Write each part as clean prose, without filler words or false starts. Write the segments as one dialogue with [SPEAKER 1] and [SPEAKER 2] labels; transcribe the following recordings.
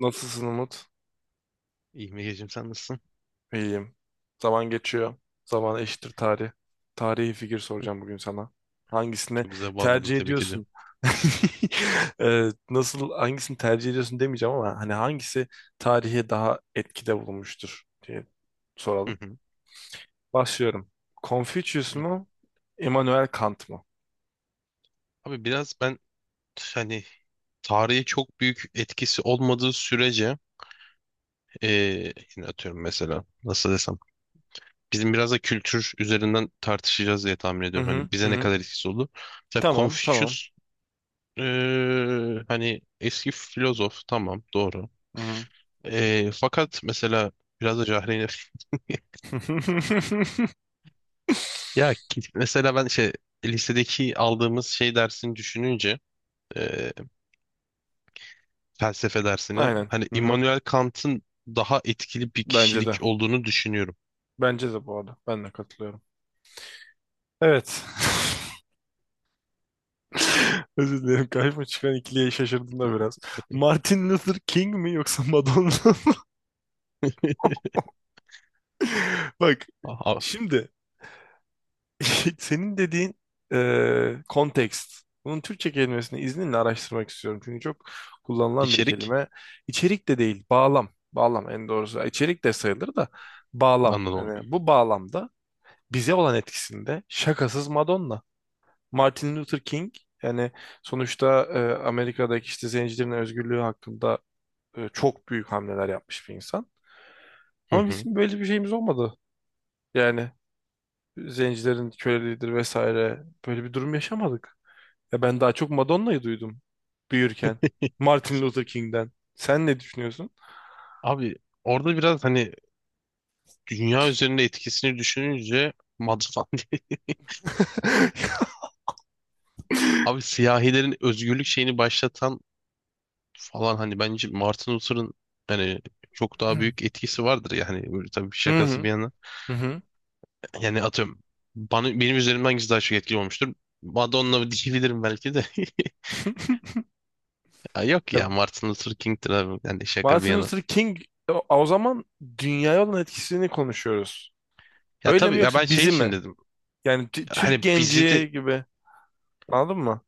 [SPEAKER 1] Nasılsın Umut?
[SPEAKER 2] İyi Megacığım, sen nasılsın?
[SPEAKER 1] İyiyim. Zaman geçiyor. Zaman eşittir tarih. Tarihi figür
[SPEAKER 2] Hı,
[SPEAKER 1] soracağım bugün sana. Hangisini
[SPEAKER 2] Çok güzel bağladın,
[SPEAKER 1] tercih
[SPEAKER 2] tebrik
[SPEAKER 1] ediyorsun?
[SPEAKER 2] ediyorum.
[SPEAKER 1] Nasıl hangisini tercih ediyorsun demeyeceğim ama hani hangisi tarihe daha etkide bulunmuştur diye
[SPEAKER 2] Hı
[SPEAKER 1] soralım.
[SPEAKER 2] hı.
[SPEAKER 1] Başlıyorum. Confucius
[SPEAKER 2] Yok.
[SPEAKER 1] mu? Immanuel Kant mı?
[SPEAKER 2] Abi biraz ben hani tarihe çok büyük etkisi olmadığı sürece yine atıyorum, mesela nasıl desem, bizim biraz da kültür üzerinden tartışacağız diye tahmin
[SPEAKER 1] Hı
[SPEAKER 2] ediyorum.
[SPEAKER 1] hı
[SPEAKER 2] Hani
[SPEAKER 1] hı.
[SPEAKER 2] bize ne
[SPEAKER 1] Hı.
[SPEAKER 2] kadar etkisi oldu. Mesela
[SPEAKER 1] Tamam tamam.
[SPEAKER 2] Confucius, hani eski filozof, tamam, doğru.
[SPEAKER 1] Hı hı.
[SPEAKER 2] Fakat mesela biraz da cahilane ya mesela ben şey, lisedeki aldığımız şey dersini düşününce, e, felsefe dersini.
[SPEAKER 1] Aynen.
[SPEAKER 2] Hani
[SPEAKER 1] Hı hı.
[SPEAKER 2] Immanuel Kant'ın daha etkili bir
[SPEAKER 1] Bence
[SPEAKER 2] kişilik
[SPEAKER 1] de.
[SPEAKER 2] olduğunu düşünüyorum.
[SPEAKER 1] Bence de bu arada. Ben de katılıyorum. Evet. Özür dilerim. Karşıma çıkan ikiliye şaşırdım da biraz. Martin Luther King mi yoksa Madonna mı? Bak,
[SPEAKER 2] Aha,
[SPEAKER 1] şimdi senin dediğin kontekst. Bunun Türkçe kelimesini izninle araştırmak istiyorum. Çünkü çok kullanılan bir
[SPEAKER 2] içerik,
[SPEAKER 1] kelime. İçerik de değil, bağlam. Bağlam en doğrusu. İçerik de sayılır da bağlam.
[SPEAKER 2] anladım.
[SPEAKER 1] Hani bu bağlamda bize olan etkisinde şakasız Madonna. Martin Luther King yani sonuçta Amerika'daki işte zencilerin özgürlüğü hakkında çok büyük hamleler yapmış bir insan.
[SPEAKER 2] Hı
[SPEAKER 1] Ama
[SPEAKER 2] hı.
[SPEAKER 1] bizim böyle bir şeyimiz olmadı. Yani zencilerin köleliğidir vesaire böyle bir durum yaşamadık. Ya ben daha çok Madonna'yı duydum büyürken. Martin Luther King'den. Sen ne düşünüyorsun?
[SPEAKER 2] Abi orada biraz hani dünya üzerinde etkisini düşününce Madfan. Abi siyahilerin özgürlük şeyini başlatan falan, hani bence Martin Luther'ın hani çok daha büyük etkisi vardır yani, böyle tabii
[SPEAKER 1] Hı
[SPEAKER 2] şakası
[SPEAKER 1] hı.
[SPEAKER 2] bir yana.
[SPEAKER 1] Hı hı.
[SPEAKER 2] Yani atıyorum, bana, benim üzerimden hangisi daha çok etkili olmuştur? Madonna diyebilirim belki de. Ya yok
[SPEAKER 1] Ya,
[SPEAKER 2] ya, Martin Luther King'tir abi. Yani şaka bir
[SPEAKER 1] Martin
[SPEAKER 2] yana.
[SPEAKER 1] Luther King, o zaman dünyaya olan etkisini konuşuyoruz.
[SPEAKER 2] Ya
[SPEAKER 1] Öyle
[SPEAKER 2] tabii
[SPEAKER 1] mi
[SPEAKER 2] ya, ben
[SPEAKER 1] yoksa
[SPEAKER 2] şey
[SPEAKER 1] bizi
[SPEAKER 2] için
[SPEAKER 1] mi?
[SPEAKER 2] dedim.
[SPEAKER 1] Yani Türk
[SPEAKER 2] Hani bizi de
[SPEAKER 1] genci gibi. Anladın mı?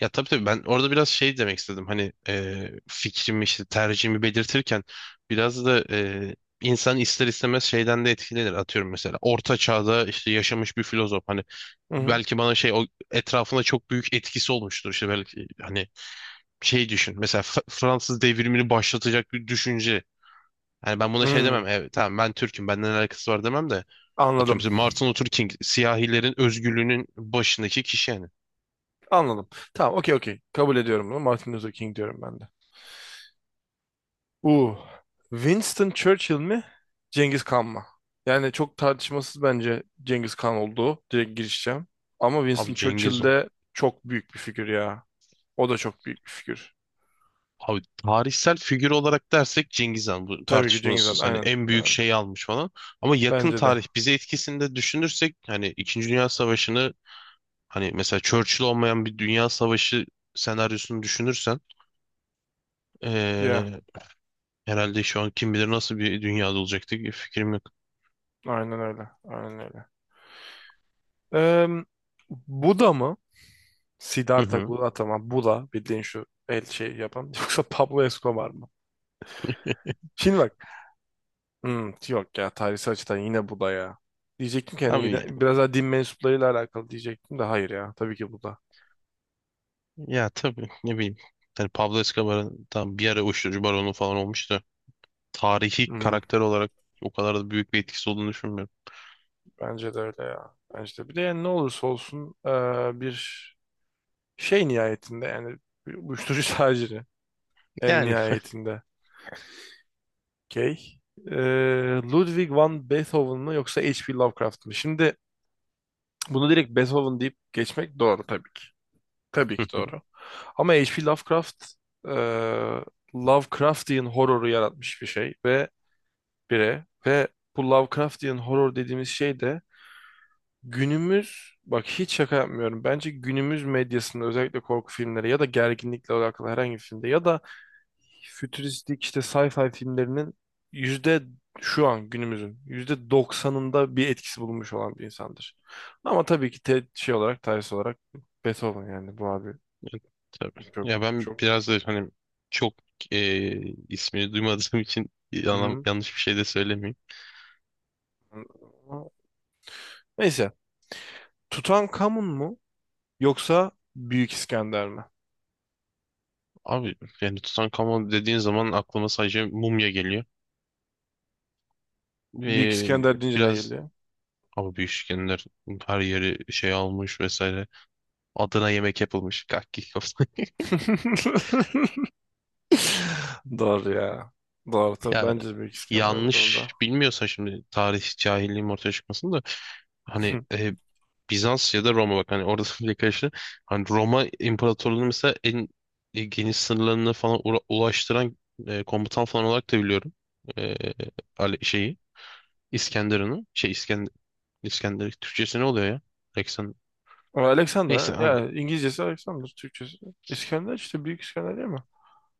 [SPEAKER 2] ya tabii tabii, ben orada biraz şey demek istedim. Hani fikrimi, işte tercihimi belirtirken biraz da insan ister istemez şeyden de etkilenir. Atıyorum, mesela orta çağda işte yaşamış bir filozof hani
[SPEAKER 1] Hı hı.
[SPEAKER 2] belki bana şey, o etrafına çok büyük etkisi olmuştur. İşte belki hani şey düşün. Mesela Fransız devrimini başlatacak bir düşünce. Hani ben buna şey
[SPEAKER 1] Hı.
[SPEAKER 2] demem. Evet tamam, ben Türk'üm, benden alakası var demem de. Atıyorum
[SPEAKER 1] Anladım.
[SPEAKER 2] mesela, Martin Luther King siyahilerin özgürlüğünün başındaki kişi yani.
[SPEAKER 1] Anladım. Tamam, okey okey. Kabul ediyorum bunu. Martin Luther King diyorum ben de. Uh. Winston Churchill mi? Cengiz Kan mı? Yani çok tartışmasız bence Cengiz Kan olduğu. Direkt girişeceğim. Ama Winston
[SPEAKER 2] Abi Cengiz
[SPEAKER 1] Churchill
[SPEAKER 2] Han.
[SPEAKER 1] de çok büyük bir figür ya. O da çok büyük bir figür.
[SPEAKER 2] Abi tarihsel figür olarak dersek Cengiz Han bu
[SPEAKER 1] Tabii ki Cengiz Han.
[SPEAKER 2] tartışmasız, hani
[SPEAKER 1] Aynen.
[SPEAKER 2] en büyük
[SPEAKER 1] Aynen.
[SPEAKER 2] şeyi almış falan. Ama yakın
[SPEAKER 1] Bence de.
[SPEAKER 2] tarih bize etkisini de düşünürsek hani İkinci Dünya Savaşı'nı, hani mesela Churchill olmayan bir dünya savaşı senaryosunu düşünürsen,
[SPEAKER 1] Ya.
[SPEAKER 2] eee, herhalde şu an kim bilir nasıl bir dünyada olacaktık, bir fikrim yok.
[SPEAKER 1] Aynen öyle. Aynen öyle. Em, Buda mı?
[SPEAKER 2] Hı
[SPEAKER 1] Siddhartha
[SPEAKER 2] hı.
[SPEAKER 1] Gautama Buddha bildiğin şu el şey yapan yoksa Pablo Escobar mı? Şimdi bak, yok ya, tarihsel açıdan yine Buddha ya. Diyecektim ki hani
[SPEAKER 2] Abi
[SPEAKER 1] yine
[SPEAKER 2] ya,
[SPEAKER 1] biraz daha din mensuplarıyla alakalı diyecektim de hayır ya, tabii ki Buddha.
[SPEAKER 2] ya tabii, ne bileyim. Hani Pablo Escobar'ın tam bir ara uyuşturucu baronu falan olmuştu. Tarihi
[SPEAKER 1] Hı-hı,
[SPEAKER 2] karakter olarak o kadar da büyük bir etkisi olduğunu düşünmüyorum.
[SPEAKER 1] bence de öyle ya. Bence de. Bir de yani ne olursa olsun bir şey nihayetinde yani bir uyuşturucu taciri en
[SPEAKER 2] Yani
[SPEAKER 1] nihayetinde. Okey. Eee, Ludwig van Beethoven mı yoksa H.P. Lovecraft mı? Şimdi bunu direkt Beethoven deyip geçmek doğru tabii ki. Tabii ki doğru. Ama H.P. Lovecraft, e, Lovecraftian horroru yaratmış bir şey ve bire ve bu Lovecraftian horror dediğimiz şey de günümüz, bak hiç şaka yapmıyorum. Bence günümüz medyasında özellikle korku filmleri ya da gerginlikle alakalı herhangi bir filmde ya da fütüristik işte sci-fi filmlerinin yüzde, şu an günümüzün yüzde doksanında bir etkisi bulunmuş olan bir insandır. Ama tabii ki şey olarak, tarihsel olarak Beethoven yani bu abi
[SPEAKER 2] tabii.
[SPEAKER 1] çok
[SPEAKER 2] Ya ben
[SPEAKER 1] çok.
[SPEAKER 2] biraz da hani çok e, ismini duymadığım için
[SPEAKER 1] Hı.
[SPEAKER 2] yanlış bir şey de söylemeyeyim.
[SPEAKER 1] Neyse. Tutankamun mu yoksa Büyük İskender mi?
[SPEAKER 2] Abi yani Tutankamon dediğin zaman aklıma sadece mumya geliyor.
[SPEAKER 1] Büyük
[SPEAKER 2] Ve
[SPEAKER 1] İskender deyince ne
[SPEAKER 2] biraz,
[SPEAKER 1] geliyor?
[SPEAKER 2] ama büyük işkenler her yeri şey almış vesaire. Adına yemek yapılmış. Kakki kafası.
[SPEAKER 1] Doğru ya. Doğru tabii.
[SPEAKER 2] Ya
[SPEAKER 1] Bence Büyük İskender bu
[SPEAKER 2] yanlış
[SPEAKER 1] durumda.
[SPEAKER 2] bilmiyorsa şimdi tarih cahilliğim ortaya çıkmasın da hani Bizans ya da Roma, bak hani orada bir karıştı. Hani Roma İmparatorluğu'nun mesela en geniş sınırlarına falan ulaştıran komutan falan olarak da biliyorum. E, şeyi, İskenderun'u, şey, İskender Türkçesi ne oluyor ya? Alexander.
[SPEAKER 1] Ama Alexander
[SPEAKER 2] Neyse,
[SPEAKER 1] ha?
[SPEAKER 2] anladım.
[SPEAKER 1] Ya, İngilizcesi Alexander, Türkçesi İskender işte, Büyük İskender değil mi?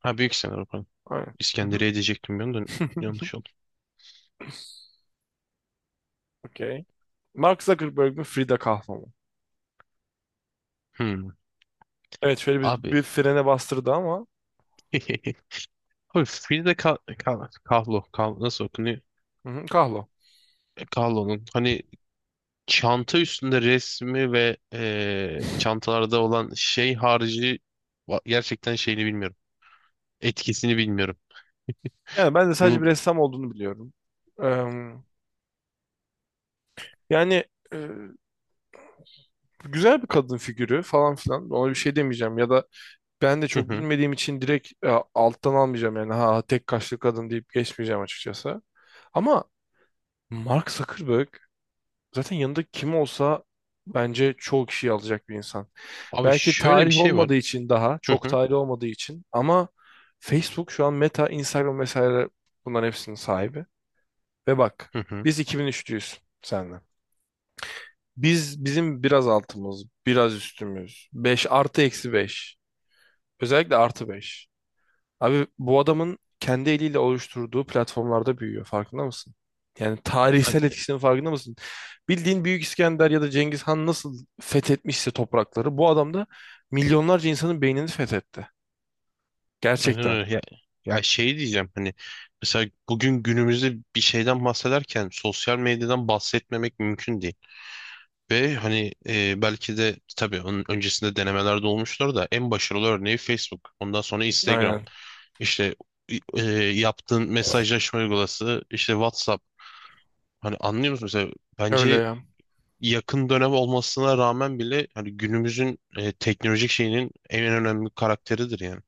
[SPEAKER 2] Ha, Büyük İskender, pardon.
[SPEAKER 1] Aynen. Hı hı.
[SPEAKER 2] İskenderiye diyecektim ben de, yanlış oldu.
[SPEAKER 1] Okey. Mark Zuckerberg mi Frida Kahlo mu?
[SPEAKER 2] Hmm.
[SPEAKER 1] Evet, şöyle bir,
[SPEAKER 2] Abi
[SPEAKER 1] bir frene bastırdı ama
[SPEAKER 2] Abi Frida Kahlo, Kahlo nasıl okunuyor?
[SPEAKER 1] hı hı, Kahlo.
[SPEAKER 2] E, Kahlo'nun hani çanta üstünde resmi ve çantalarda olan şey harici gerçekten şeyini bilmiyorum. Etkisini bilmiyorum.
[SPEAKER 1] Yani ben de
[SPEAKER 2] Şimdi
[SPEAKER 1] sadece bir
[SPEAKER 2] bu-.
[SPEAKER 1] ressam olduğunu biliyorum. Eee, yani e, güzel bir kadın figürü falan filan. Ona bir şey demeyeceğim ya da ben de
[SPEAKER 2] Hı
[SPEAKER 1] çok
[SPEAKER 2] hı.
[SPEAKER 1] bilmediğim için direkt alttan almayacağım yani, ha tek kaşlı kadın deyip geçmeyeceğim açıkçası. Ama Mark Zuckerberg zaten yanında kim olsa bence çoğu kişiyi alacak bir insan.
[SPEAKER 2] Abi
[SPEAKER 1] Belki
[SPEAKER 2] şöyle bir
[SPEAKER 1] tarih
[SPEAKER 2] şey var.
[SPEAKER 1] olmadığı için daha,
[SPEAKER 2] Hı
[SPEAKER 1] çok
[SPEAKER 2] hı.
[SPEAKER 1] tarih olmadığı için ama Facebook şu an Meta, Instagram vesaire bunların hepsinin sahibi. Ve bak,
[SPEAKER 2] Hı hı.
[SPEAKER 1] biz 2003'lüyüz senle. Biz, bizim biraz altımız, biraz üstümüz. 5 artı eksi 5. Özellikle artı beş. Abi bu adamın kendi eliyle oluşturduğu platformlarda büyüyor. Farkında mısın? Yani tarihsel
[SPEAKER 2] Ya,
[SPEAKER 1] etkisinin farkında mısın? Bildiğin Büyük İskender ya da Cengiz Han nasıl fethetmişse toprakları, bu adam da milyonlarca insanın beynini fethetti.
[SPEAKER 2] aynen
[SPEAKER 1] Gerçekten.
[SPEAKER 2] öyle. Ya, ya şey diyeceğim, hani mesela bugün günümüzde bir şeyden bahsederken sosyal medyadan bahsetmemek mümkün değil. Ve hani belki de tabii onun öncesinde denemelerde olmuştur da, en başarılı örneği Facebook. Ondan sonra Instagram.
[SPEAKER 1] Aynen.
[SPEAKER 2] İşte yaptığın mesajlaşma uygulaması, işte WhatsApp. Hani anlıyor musun? Mesela
[SPEAKER 1] Öyle
[SPEAKER 2] bence
[SPEAKER 1] ya.
[SPEAKER 2] yakın dönem olmasına rağmen bile hani günümüzün teknolojik şeyinin en önemli karakteridir yani.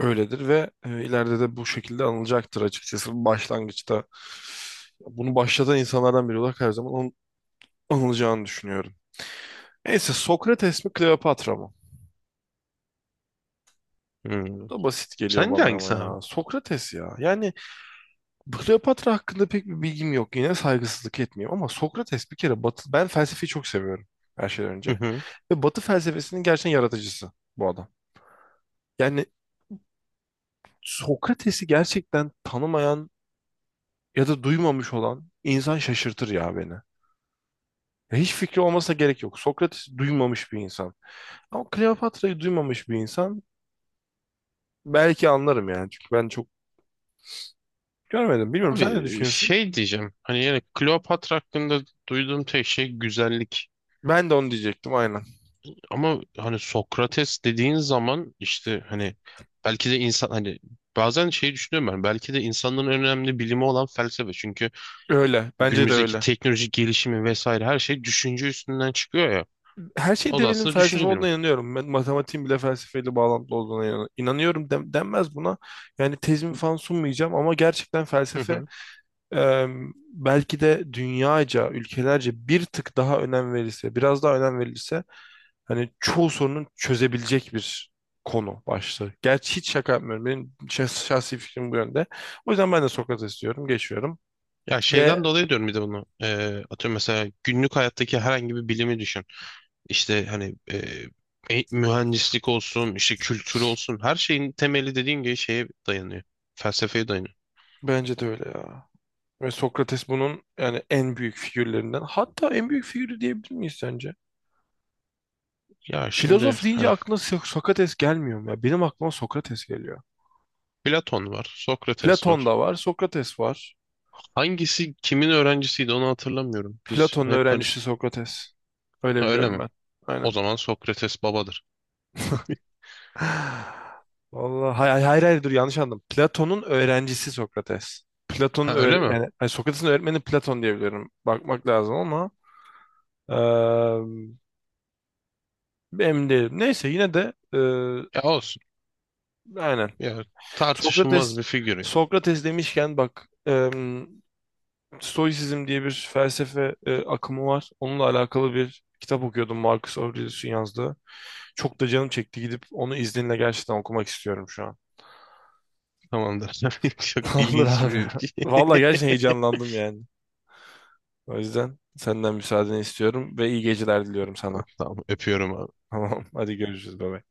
[SPEAKER 1] Öyledir ve ileride de bu şekilde anılacaktır açıkçası. Başlangıçta bunu başlatan insanlardan biri olarak her zaman anılacağını düşünüyorum. Neyse, Sokrates mi Kleopatra mı?
[SPEAKER 2] Hmm.
[SPEAKER 1] Bu da basit geliyor
[SPEAKER 2] Sence
[SPEAKER 1] bana ama
[SPEAKER 2] hangisi abi?
[SPEAKER 1] ya. Sokrates ya. Yani Kleopatra hakkında pek bir bilgim yok. Yine saygısızlık etmeyeyim ama Sokrates bir kere Batı... Ben felsefeyi çok seviyorum her şeyden önce. Ve Batı felsefesinin gerçekten yaratıcısı bu adam. Yani Sokrates'i gerçekten tanımayan ya da duymamış olan insan şaşırtır ya beni. Ya hiç fikri olmasına gerek yok. Sokrates'i duymamış bir insan. Ama Kleopatra'yı duymamış bir insan belki anlarım yani. Çünkü ben çok görmedim. Bilmiyorum, sen ne
[SPEAKER 2] Abi
[SPEAKER 1] düşünüyorsun?
[SPEAKER 2] şey diyeceğim, hani yani Kleopatra hakkında duyduğum tek şey güzellik,
[SPEAKER 1] Ben de onu diyecektim, aynen.
[SPEAKER 2] ama hani Sokrates dediğin zaman işte hani belki de insan hani bazen şey düşünüyorum, ben belki de insanların en önemli bilimi olan felsefe, çünkü
[SPEAKER 1] Öyle. Bence de
[SPEAKER 2] günümüzdeki
[SPEAKER 1] öyle.
[SPEAKER 2] teknolojik gelişimi vesaire her şey düşünce üstünden çıkıyor ya,
[SPEAKER 1] Her şeyin
[SPEAKER 2] o da
[SPEAKER 1] temelinin
[SPEAKER 2] aslında
[SPEAKER 1] felsefe
[SPEAKER 2] düşünce
[SPEAKER 1] olduğuna
[SPEAKER 2] bilimi.
[SPEAKER 1] inanıyorum. Ben matematiğin bile felsefeyle bağlantılı olduğuna inanıyorum denmez buna. Yani tezimi falan sunmayacağım ama gerçekten
[SPEAKER 2] Hı
[SPEAKER 1] felsefe
[SPEAKER 2] hı.
[SPEAKER 1] e, belki de dünyaca, ülkelerce bir tık daha önem verilse, biraz daha önem verilse hani çoğu sorunun çözebilecek bir konu başlığı. Gerçi hiç şaka yapmıyorum. Benim şahsi fikrim bu yönde. O yüzden ben de Sokrates diyorum, geçiyorum
[SPEAKER 2] Ya
[SPEAKER 1] ve
[SPEAKER 2] şeyden dolayı diyorum bir de bunu. Atıyorum mesela günlük hayattaki herhangi bir bilimi düşün. İşte hani mühendislik olsun, işte kültürü olsun, her şeyin temeli dediğin gibi şeye dayanıyor. Felsefeye dayanıyor.
[SPEAKER 1] bence de öyle ya. Ve Sokrates bunun yani en büyük figürlerinden. Hatta en büyük figürü diyebilir miyiz sence?
[SPEAKER 2] Ya şimdi
[SPEAKER 1] Filozof deyince
[SPEAKER 2] hani
[SPEAKER 1] aklına Sokrates gelmiyor mu? Ya benim aklıma Sokrates geliyor.
[SPEAKER 2] Platon var, Sokrates var.
[SPEAKER 1] Platon da var, Sokrates var.
[SPEAKER 2] Hangisi kimin öğrencisiydi onu hatırlamıyorum. Biz
[SPEAKER 1] Platon'un
[SPEAKER 2] hep
[SPEAKER 1] öğrencisi
[SPEAKER 2] karış.
[SPEAKER 1] Sokrates. Öyle
[SPEAKER 2] Ha, öyle
[SPEAKER 1] biliyorum
[SPEAKER 2] mi?
[SPEAKER 1] ben.
[SPEAKER 2] O
[SPEAKER 1] Aynen.
[SPEAKER 2] zaman Sokrates babadır.
[SPEAKER 1] Vallahi hayır, hayır, hayır, dur, yanlış anladım. Platon'un öğrencisi Sokrates. Platon'un
[SPEAKER 2] Ha, öyle
[SPEAKER 1] öğre
[SPEAKER 2] mi?
[SPEAKER 1] yani hayır, Sokrates'in öğretmeni Platon diye biliyorum. Bakmak lazım ama eee emin değilim. Neyse, yine de
[SPEAKER 2] Ya olsun.
[SPEAKER 1] aynen.
[SPEAKER 2] Ya, tartışılmaz
[SPEAKER 1] Sokrates,
[SPEAKER 2] bir figür ya.
[SPEAKER 1] Sokrates demişken bak, Stoisizm diye bir felsefe akımı var. Onunla alakalı bir kitap okuyordum, Marcus Aurelius'un yazdığı. Çok da canım çekti, gidip onu izninle gerçekten okumak istiyorum şu an.
[SPEAKER 2] Tamamdır. Çok
[SPEAKER 1] Tamamdır
[SPEAKER 2] ilginç
[SPEAKER 1] abi.
[SPEAKER 2] bir
[SPEAKER 1] Vallahi gerçekten heyecanlandım yani. O yüzden senden müsaadeni istiyorum ve iyi geceler diliyorum sana.
[SPEAKER 2] Tamam, öpüyorum abi.
[SPEAKER 1] Tamam, hadi görüşürüz baba.